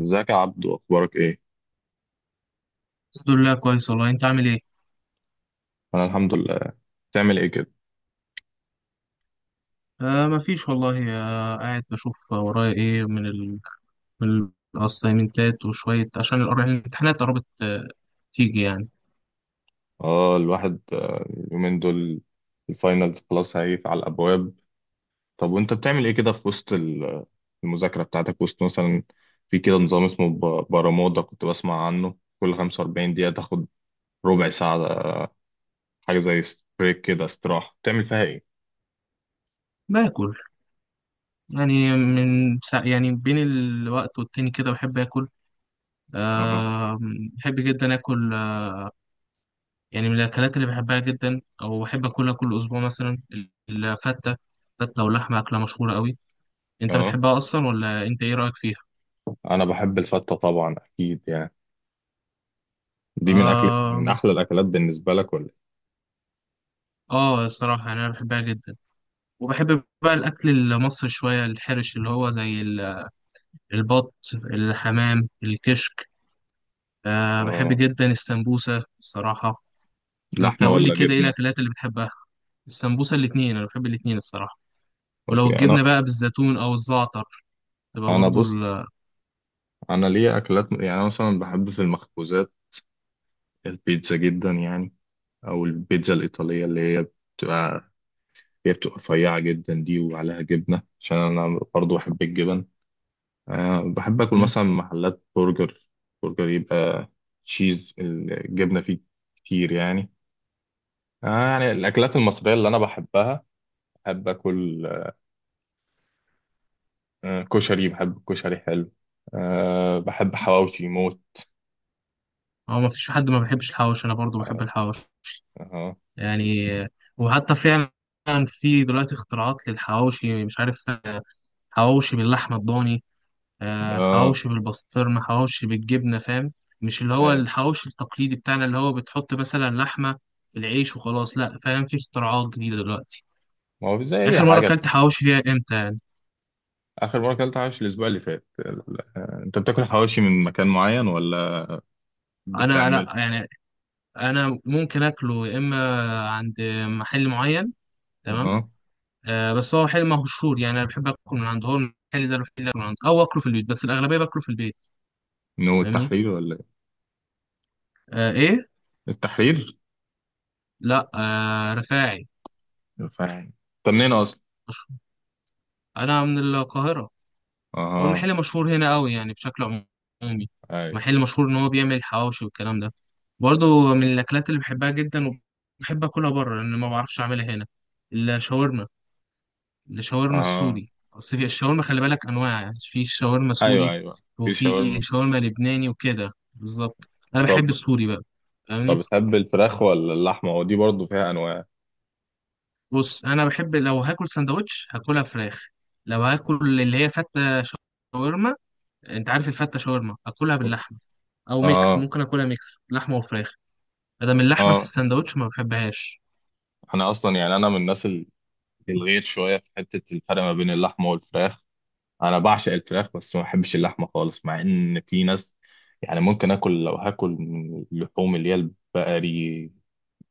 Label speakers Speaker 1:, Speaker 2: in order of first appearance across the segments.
Speaker 1: ازيك يا عبدو اخبارك ايه؟
Speaker 2: الحمد لله كويس والله، انت عامل ايه؟
Speaker 1: انا الحمد لله. بتعمل ايه كده؟
Speaker 2: مفيش والله، قاعد بشوف ورايا ايه من ال من الاسايمنتات وشوية عشان الامتحانات قربت. تيجي يعني.
Speaker 1: اه الواحد اليومين دول الفاينلز خلاص هيقف على الابواب. طب وانت بتعمل ايه كده في وسط المذاكره بتاعتك؟ وسط مثلا في كده نظام اسمه برمودا كنت بسمع عنه، كل 45 دقيقه تاخد ربع ساعه، حاجه زي بريك كده، استراحه بتعمل فيها ايه؟
Speaker 2: باكل، يعني من سا يعني بين الوقت والتاني كده بحب اكل.
Speaker 1: اها،
Speaker 2: آه بحب جدا اكل. يعني من الاكلات اللي بحبها جدا او بحب اكلها كل اسبوع مثلا، الفتة فتة واللحمة، اكلة مشهورة قوي. انت
Speaker 1: اه
Speaker 2: بتحبها اصلا، ولا انت ايه رأيك فيها؟
Speaker 1: انا بحب الفته طبعا اكيد يعني، دي من اكل من
Speaker 2: آه
Speaker 1: احلى الاكلات بالنسبه لك ولا إيه؟
Speaker 2: اه الصراحة يعني انا بحبها جدا، وبحب بقى الأكل المصري شوية، الحرش اللي هو زي البط، الحمام، الكشك. بحب
Speaker 1: اه،
Speaker 2: جدا السمبوسة الصراحة. أنت
Speaker 1: لحمه
Speaker 2: قول لي
Speaker 1: ولا
Speaker 2: كده، إيه
Speaker 1: جبنه؟
Speaker 2: الأكلات اللي بتحبها؟ السمبوسة الاتنين، أنا بحب الاتنين الصراحة، ولو
Speaker 1: اوكي.
Speaker 2: الجبنة
Speaker 1: انا
Speaker 2: بقى بالزيتون أو الزعتر، تبقى
Speaker 1: انا
Speaker 2: برضو
Speaker 1: بص، انا ليا اكلات يعني أنا مثلا بحب في المخبوزات البيتزا جدا يعني، او البيتزا الايطاليه اللي هي بتبقى، هي بتبقى رفيعه جدا دي وعليها جبنه عشان انا برضو بحب الجبن. أه بحب اكل
Speaker 2: مم.
Speaker 1: مثلا من محلات برجر، برجر يبقى تشيز الجبنه فيه كتير يعني. أه يعني الاكلات المصريه اللي انا بحبها، بحب اكل أه كشري، بحب الكشري حلو. أه بحب حواوشي موت.
Speaker 2: هو ما فيش حد ما بيحبش الحواوش، أنا برضو بحب
Speaker 1: أه،
Speaker 2: الحواوش
Speaker 1: أه،
Speaker 2: يعني. وحتى فعلا في دلوقتي اختراعات للحواوشي، مش عارف، حواوشي باللحمة الضاني،
Speaker 1: آه،
Speaker 2: حواوشي بالبسطرمة، حواوشي بالجبنة، فاهم؟ مش اللي هو
Speaker 1: أيوة.
Speaker 2: الحواوشي التقليدي بتاعنا، اللي هو بتحط مثلا لحمة في العيش وخلاص، لا فاهم، في اختراعات جديدة دلوقتي.
Speaker 1: ما هو زي أي
Speaker 2: آخر مرة
Speaker 1: حاجة.
Speaker 2: أكلت حواوشي فيها إمتى؟
Speaker 1: اخر مره اكلت حواوشي الاسبوع اللي فات انت بتاكل حواوشي من مكان معين ولا
Speaker 2: أنا
Speaker 1: بتعمل؟
Speaker 2: يعني، أنا ممكن أكله يا إما عند محل معين. تمام.
Speaker 1: اها.
Speaker 2: بس هو محل مشهور، يعني أنا بحب آكل من عنده، هو المحل ده الوحيد اللي آكل من عنده، أو آكله في البيت، بس الأغلبية باكله في البيت.
Speaker 1: من هو
Speaker 2: فاهمني؟
Speaker 1: التحرير ولا إيه؟
Speaker 2: إيه؟
Speaker 1: التحرير.
Speaker 2: لا، رفاعي
Speaker 1: فاهم. طب منين اصلا؟
Speaker 2: مشهور. أنا من القاهرة. هو
Speaker 1: اها.
Speaker 2: المحل مشهور هنا قوي يعني بشكل عمومي،
Speaker 1: ايوه.
Speaker 2: محل مشهور ان هو بيعمل حواوشي والكلام ده. برضو من الاكلات اللي بحبها جدا، وبحب اكلها بره لان ما بعرفش اعملها هنا، الشاورما. الشاورما
Speaker 1: اها.
Speaker 2: السوري، اصل في الشاورما خلي بالك انواع، يعني في شاورما
Speaker 1: ايوه
Speaker 2: سوري،
Speaker 1: ايوه في شاورما.
Speaker 2: وفي شاورما لبناني، وكده بالظبط. انا
Speaker 1: طب،
Speaker 2: بحب السوري بقى،
Speaker 1: طب
Speaker 2: فاهمني؟
Speaker 1: بتحب الفراخ ولا اللحمه؟ ودي برضو فيها انواع.
Speaker 2: بص، انا بحب لو هاكل سندوتش هاكلها فراخ، لو هاكل اللي هي فتة شاورما، انت عارف الفتة شاورما اكلها
Speaker 1: اوكي.
Speaker 2: باللحمة، او ميكس،
Speaker 1: اه،
Speaker 2: ممكن اكلها ميكس لحمة وفراخ، ادام اللحمة في
Speaker 1: اه
Speaker 2: الساندوتش ما بحبهاش.
Speaker 1: انا اصلا يعني انا من الناس الغير شويه في حته الفرق ما بين اللحمه والفراخ. انا بعشق الفراخ بس ما بحبش اللحمه خالص، مع ان في ناس، يعني ممكن اكل لو هاكل من اللحوم اللي هي البقري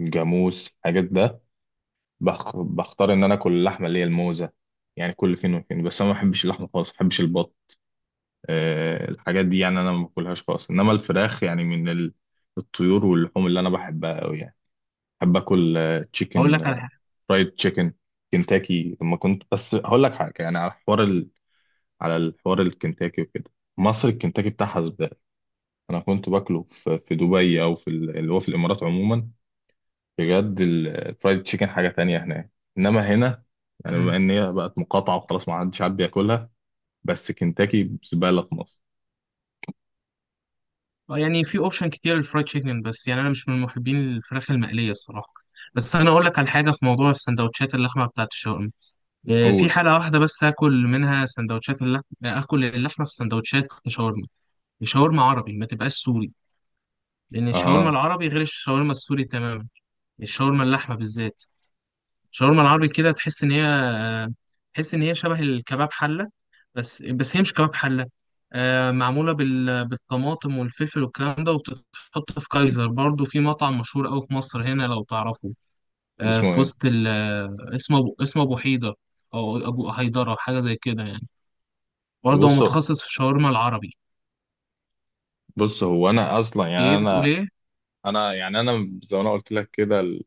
Speaker 1: الجاموس الحاجات ده، بختار ان انا اكل اللحمه اللي هي الموزه يعني، كل فين وفين. بس انا ما بحبش اللحمه خالص، ما بحبش البط، أه الحاجات دي يعني انا ما باكلهاش خالص. انما الفراخ يعني من الطيور واللحوم اللي انا بحبها قوي يعني، بحب اكل
Speaker 2: اقول لك على
Speaker 1: تشيكن،
Speaker 2: حاجة.
Speaker 1: فرايد تشيكن، كنتاكي لما كنت، بس هقول لك حاجه يعني على حوار، على الحوار الكنتاكي وكده، مصر الكنتاكي بتاعها زبالة. أنا كنت باكله في في دبي أو في اللي هو في الإمارات عموما، بجد الفرايد تشيكن حاجة تانية هناك. إنما هنا يعني بما
Speaker 2: مم.
Speaker 1: إن هي بقت مقاطعة وخلاص ما عادش حد بياكلها، بس كنتاكي زبالة في مصر.
Speaker 2: اه يعني في اوبشن كتير للفرايد تشيكن، بس يعني انا مش من محبين الفراخ المقلية الصراحة. بس انا اقول لك على حاجة في موضوع السندوتشات، اللحمة بتاعت الشاورما، اه، في
Speaker 1: قول.
Speaker 2: حالة واحدة بس هاكل منها سندوتشات اللحمة، اكل اللحمة في سندوتشات شاورما، شاورما عربي ما تبقاش سوري، لان الشاورما
Speaker 1: أها.
Speaker 2: العربي غير الشاورما السوري تماما، الشاورما اللحمة بالذات، الشاورما العربي كده تحس ان هي، تحس ان هي شبه الكباب حله، بس هي مش كباب حله. معموله بالطماطم والفلفل والكلام ده، وبتتحط في كايزر، برضو في مطعم مشهور قوي في مصر هنا لو تعرفه.
Speaker 1: اسمه
Speaker 2: في
Speaker 1: إيه؟
Speaker 2: وسط ال... آه، اسمه اسمه ابو حيدر، او ابو هيدره حاجه زي كده يعني، برضو هو
Speaker 1: بص،
Speaker 2: متخصص في الشاورما العربي.
Speaker 1: بص هو أنا أصلا يعني
Speaker 2: ايه بتقول
Speaker 1: أنا،
Speaker 2: ايه؟
Speaker 1: أنا يعني أنا زي ما أنا قلت لك كده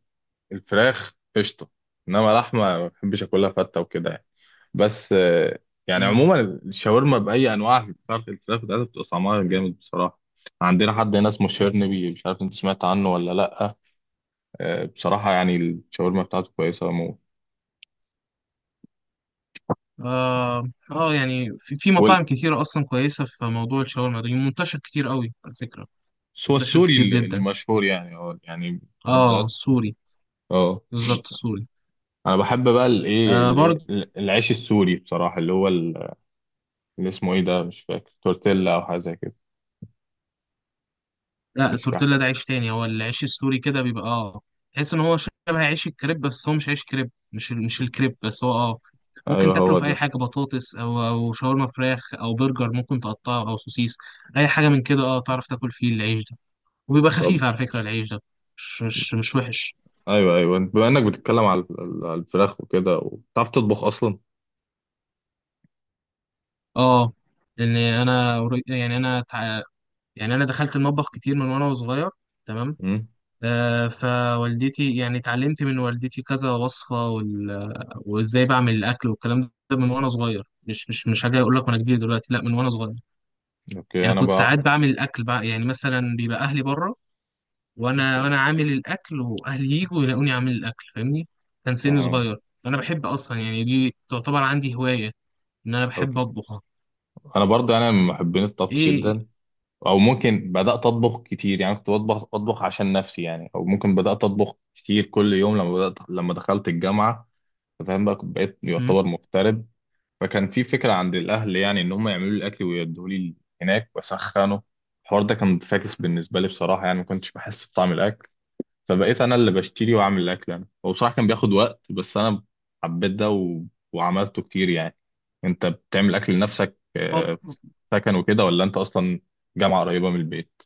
Speaker 1: الفراخ قشطة. إنما لحمة ما بحبش آكلها فتة وكده يعني. بس يعني
Speaker 2: امم
Speaker 1: عموما الشاورما باي انواعها بتاعت الفراخ بتاعتها بتبقى طعمها جامد بصراحه. عندنا حد هنا اسمه شيرنبي، مش عارف انت سمعت عنه ولا لا، بصراحه يعني الشاورما بتاعته كويسه موت.
Speaker 2: آه, اه يعني في مطاعم كتيره اصلا كويسه في موضوع الشاورما ده، منتشر كتير قوي على فكره،
Speaker 1: والسوى
Speaker 2: منتشر
Speaker 1: السوري
Speaker 2: كتير
Speaker 1: اللي
Speaker 2: جدا.
Speaker 1: مشهور يعني اه يعني
Speaker 2: اه،
Speaker 1: بالذات.
Speaker 2: السوري.
Speaker 1: اه
Speaker 2: بالظبط السوري.
Speaker 1: انا بحب بقى الايه
Speaker 2: آه برضه.
Speaker 1: العيش السوري بصراحه اللي هو اللي اسمه ايه ده، مش فاكر، تورتيلا او حاجه زي كده.
Speaker 2: لا،
Speaker 1: مش فاكر.
Speaker 2: التورتيلا ده عيش تاني، هو العيش السوري كده بيبقى تحس ان هو شبه عيش الكريب، بس هو مش عيش كريب، مش الكريب، بس هو ممكن
Speaker 1: ايوه
Speaker 2: تاكله
Speaker 1: هو
Speaker 2: في اي
Speaker 1: ده.
Speaker 2: حاجه، بطاطس او شاورما فراخ او برجر، ممكن تقطعه او سوسيس، اي حاجه من كده، اه تعرف تاكل فيه العيش ده، وبيبقى
Speaker 1: طب.
Speaker 2: خفيف على فكره العيش ده، مش وحش.
Speaker 1: ايوه ايوه، بما انك بتتكلم على على الفراخ وكده، وبتعرف تطبخ اصلا.
Speaker 2: اه لان انا قري- يعني انا تع- يعني انا دخلت المطبخ كتير من وانا صغير. تمام. فوالدتي، يعني اتعلمت من والدتي كذا وصفة وازاي بعمل الأكل والكلام ده من وأنا صغير، مش حاجة أقول لك وأنا كبير دلوقتي، لا من وأنا صغير.
Speaker 1: اوكي.
Speaker 2: يعني
Speaker 1: انا
Speaker 2: كنت
Speaker 1: بقى،
Speaker 2: ساعات بعمل الأكل بقى، يعني مثلا بيبقى أهلي بره، وأنا
Speaker 1: اوكي،
Speaker 2: وأنا عامل الأكل، وأهلي يجوا يلاقوني عامل الأكل، فاهمني؟ كان سني
Speaker 1: اها،
Speaker 2: صغير. أنا بحب أصلا، يعني دي تعتبر عندي هواية، إن أنا بحب
Speaker 1: اوكي.
Speaker 2: أطبخ.
Speaker 1: انا برضه انا من محبين الطبخ
Speaker 2: إيه؟
Speaker 1: جدا. او ممكن بدات اطبخ كتير يعني، كنت بطبخ اطبخ عشان نفسي يعني، او ممكن بدات اطبخ كتير كل يوم لما بدات لما دخلت الجامعه، فاهم بقى، كنت بقيت
Speaker 2: م؟
Speaker 1: يعتبر مغترب، فكان في فكره عند الاهل يعني ان هم يعملوا لي الاكل ويدوه لي هناك واسخنه. الحوار ده كان فاكس بالنسبه لي بصراحه، يعني ما كنتش بحس بطعم الاكل، فبقيت انا اللي بشتري واعمل الاكل انا. هو بصراحه كان بياخد وقت، بس انا حبيت ده و... وعملته كتير يعني. انت بتعمل اكل لنفسك
Speaker 2: طب
Speaker 1: في سكن وكده ولا انت اصلا جامعه قريبه من البيت؟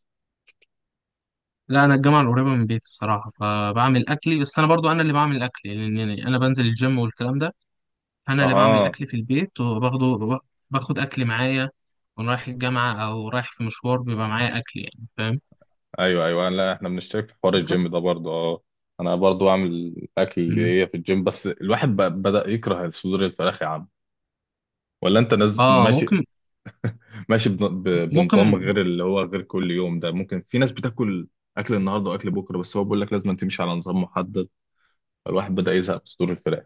Speaker 2: لا، انا الجامعه القريبه من بيتي الصراحه، فبعمل اكلي، بس انا برضو انا اللي بعمل اكلي، لان يعني انا بنزل الجيم والكلام ده، انا اللي بعمل
Speaker 1: اها.
Speaker 2: اكل في البيت وباخده باخد اكل معايا، وانا رايح الجامعه او رايح في مشوار بيبقى معايا اكل، يعني فاهم؟
Speaker 1: ايوه ايوه، لا احنا بنشترك في حوار
Speaker 2: أكل.
Speaker 1: الجيم ده برضه اه. انا برضه بعمل الاكل
Speaker 2: مم.
Speaker 1: اللي هي في الجيم، بس الواحد بقى بدأ يكره صدور الفراخ يا عم. ولا انت نز...
Speaker 2: اه
Speaker 1: ماشي.
Speaker 2: ممكن
Speaker 1: ماشي بن... ب... بنظام
Speaker 2: ممكن
Speaker 1: غير اللي هو غير كل يوم ده، ممكن في ناس بتاكل اكل النهارده واكل بكره، بس هو بيقول لك لازم تمشي على نظام محدد. الواحد بدأ يزهق من صدور الفراخ.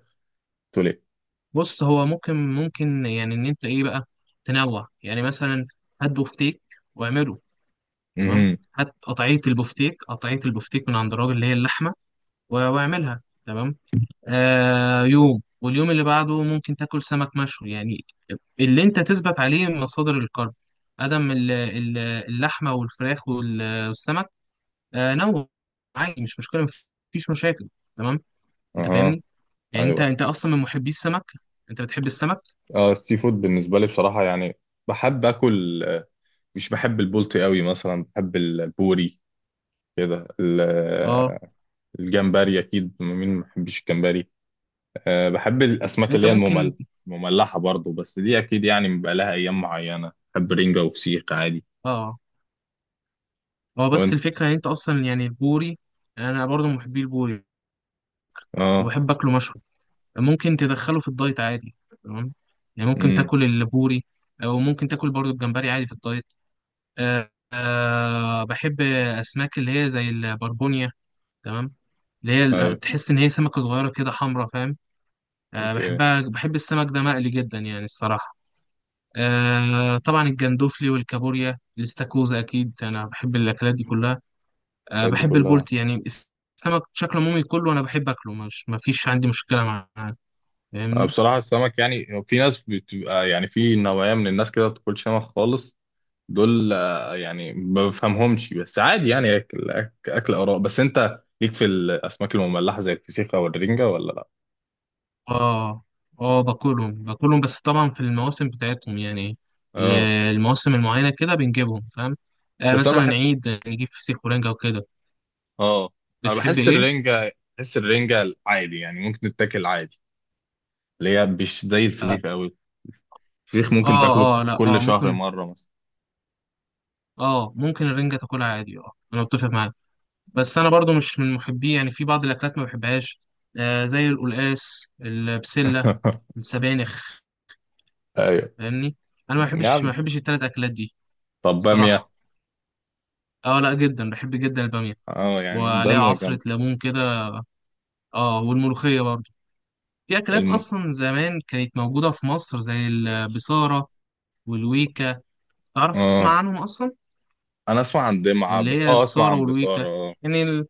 Speaker 1: قلت له ايه؟
Speaker 2: بص، هو ممكن يعني ان انت ايه بقى، تنوع يعني مثلا، هات بفتيك واعمله، تمام،
Speaker 1: اها.
Speaker 2: هات قطعيه البفتيك قطعيه البفتيك من عند الراجل اللي هي اللحمه، واعملها. تمام. آه، يوم، واليوم اللي بعده ممكن تاكل سمك مشوي يعني، اللي انت تثبت عليه مصادر الكرب، ادم اللحمه والفراخ وال- والسمك نوع، عادي، مش مشكله، مفيش مشاكل. تمام، انت
Speaker 1: اها.
Speaker 2: فاهمني؟ يعني انت
Speaker 1: ايوه.
Speaker 2: انت اصلا من محبي السمك، انت بتحب السمك؟
Speaker 1: اه السي فود بالنسبه لي بصراحه يعني بحب اكل مش بحب البلطي قوي مثلا، بحب البوري كده
Speaker 2: اه.
Speaker 1: الجمبري اكيد، مين ما بيحبش الجمبري. أه بحب الاسماك اللي
Speaker 2: انت
Speaker 1: هي
Speaker 2: ممكن.
Speaker 1: الممل، مملحه برضو، بس دي اكيد يعني بيبقى لها ايام معينه، بحب رنجه وفسيخ عادي.
Speaker 2: اه اه بس
Speaker 1: وانت؟
Speaker 2: الفكره ان انت اصلا، يعني البوري، انا برضو من محبي البوري،
Speaker 1: اه.
Speaker 2: وبحب اكله مشوي، ممكن تدخله في الدايت عادي، تمام، يعني ممكن
Speaker 1: امم.
Speaker 2: تاكل البوري، او ممكن تاكل برضو الجمبري عادي في الدايت. بحب أسماك اللي هي زي البربونيا، تمام،
Speaker 1: ايوه.
Speaker 2: تحس إن هي سمكة صغيرة كده حمرا، فاهم؟
Speaker 1: اوكي.
Speaker 2: بحبها، بحب السمك ده مقلي جدا يعني الصراحة. آه، طبعا الجندوفلي والكابوريا الاستاكوزا أكيد أنا بحب الأكلات دي كلها.
Speaker 1: الحاجات دي
Speaker 2: بحب
Speaker 1: كلها،
Speaker 2: البولتي، يعني السمك بشكل عمومي كله أنا بحب أكله، مش مفيش عندي مشكلة معاه، فاهمني؟
Speaker 1: بصراحة السمك يعني في ناس بتبقى يعني في نوعية من الناس كده ما بتاكلش سمك خالص، دول يعني ما بفهمهمش، بس عادي يعني أكل، أكل آراء. بس أنت ليك في الأسماك المملحة زي الفسيخ أو الرنجة ولا لأ؟
Speaker 2: اه اه باكلهم بس طبعا في المواسم بتاعتهم، يعني ال-
Speaker 1: أه،
Speaker 2: المواسم المعينة كده بنجيبهم، فاهم؟ آه،
Speaker 1: بس أنا
Speaker 2: مثلا
Speaker 1: بحس،
Speaker 2: عيد نجيب فسيخ ورنجة وكده.
Speaker 1: أه أنا
Speaker 2: بتحب
Speaker 1: بحس
Speaker 2: ايه؟
Speaker 1: الرنجة، بحس الرنجة عادي يعني ممكن تتاكل عادي، اللي هي مش زي
Speaker 2: اه
Speaker 1: الفسيخ أوي. الفسيخ ممكن تاكله
Speaker 2: لا،
Speaker 1: كل شهر
Speaker 2: ممكن.
Speaker 1: مرة مثلا.
Speaker 2: اه ممكن الرنجة تاكلها عادي، اه انا متفق معاك، بس انا برضو مش من محبيه، يعني في بعض الاكلات ما بحبهاش، زي القلقاس، البسلة، السبانخ،
Speaker 1: أيوه.
Speaker 2: فاهمني؟ انا ما بحبش ما
Speaker 1: يعني
Speaker 2: بحبش التلات اكلات دي
Speaker 1: طب بامية؟
Speaker 2: الصراحة. اه لا جدا، بحب جدا البامية،
Speaker 1: أه يعني
Speaker 2: وعليها
Speaker 1: بامية
Speaker 2: عصرة
Speaker 1: جامدة.
Speaker 2: ليمون كده. اه والملوخية برضو. في أكلات
Speaker 1: الم...
Speaker 2: أصلا زمان كانت موجودة في مصر زي البصارة والويكا، تعرف
Speaker 1: اه
Speaker 2: تسمع عنهم أصلا؟
Speaker 1: انا اسمع عن دمعة
Speaker 2: اللي
Speaker 1: بس،
Speaker 2: هي
Speaker 1: اه اسمع
Speaker 2: البصارة
Speaker 1: عن بصارة
Speaker 2: والويكا،
Speaker 1: اه.
Speaker 2: يعني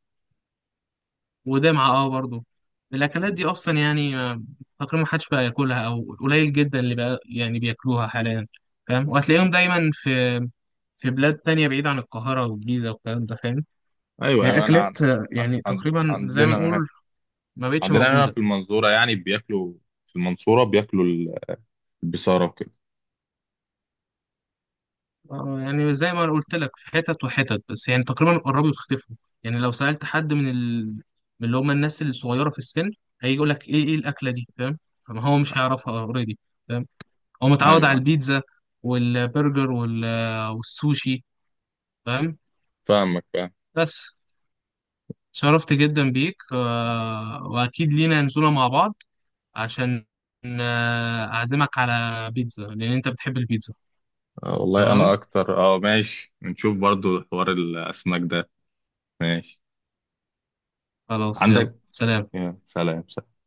Speaker 2: ودمعة، برضو الأكلات دي أصلا يعني تقريبا محدش بقى ياكلها، أو قليل جدا اللي بقى يعني بياكلوها حاليا، فاهم؟ وهتلاقيهم دايما في، في بلاد تانية بعيدة عن القاهرة والجيزة والكلام ده، فاهم؟
Speaker 1: ايوه
Speaker 2: يعني
Speaker 1: ايوه، انا عن...
Speaker 2: أكلات، يعني
Speaker 1: عن...
Speaker 2: تقريبا زي ما
Speaker 1: عندنا،
Speaker 2: نقول ما بقتش
Speaker 1: عندنا هنا في
Speaker 2: موجودة.
Speaker 1: المنصورة يعني بياكلوا، في المنصورة بياكلوا البصارة وكده.
Speaker 2: يعني زي ما أنا قلت لك، في حتت وحتت، بس يعني تقريبا قربوا يختفوا، يعني لو سألت حد من اللي هم الناس الصغيرة في السن، هيجي يقول لك ايه، الأكلة دي، فاهم؟ ما هو مش هيعرفها اوريدي، فاهم؟ هو متعود على
Speaker 1: ايوه.
Speaker 2: البيتزا والبرجر وال... والسوشي فاهم؟
Speaker 1: فاهمك، فاهم.
Speaker 2: بس، شرفت جدا بيك، وأكيد لينا نزولة مع بعض عشان، أعزمك على بيتزا لأن أنت بتحب البيتزا.
Speaker 1: آه والله انا
Speaker 2: تمام،
Speaker 1: اكتر، اه ماشي نشوف برضو حوار الاسماك ده. ماشي.
Speaker 2: خلاص، يلا،
Speaker 1: عندك.
Speaker 2: سلام.
Speaker 1: يا سلام.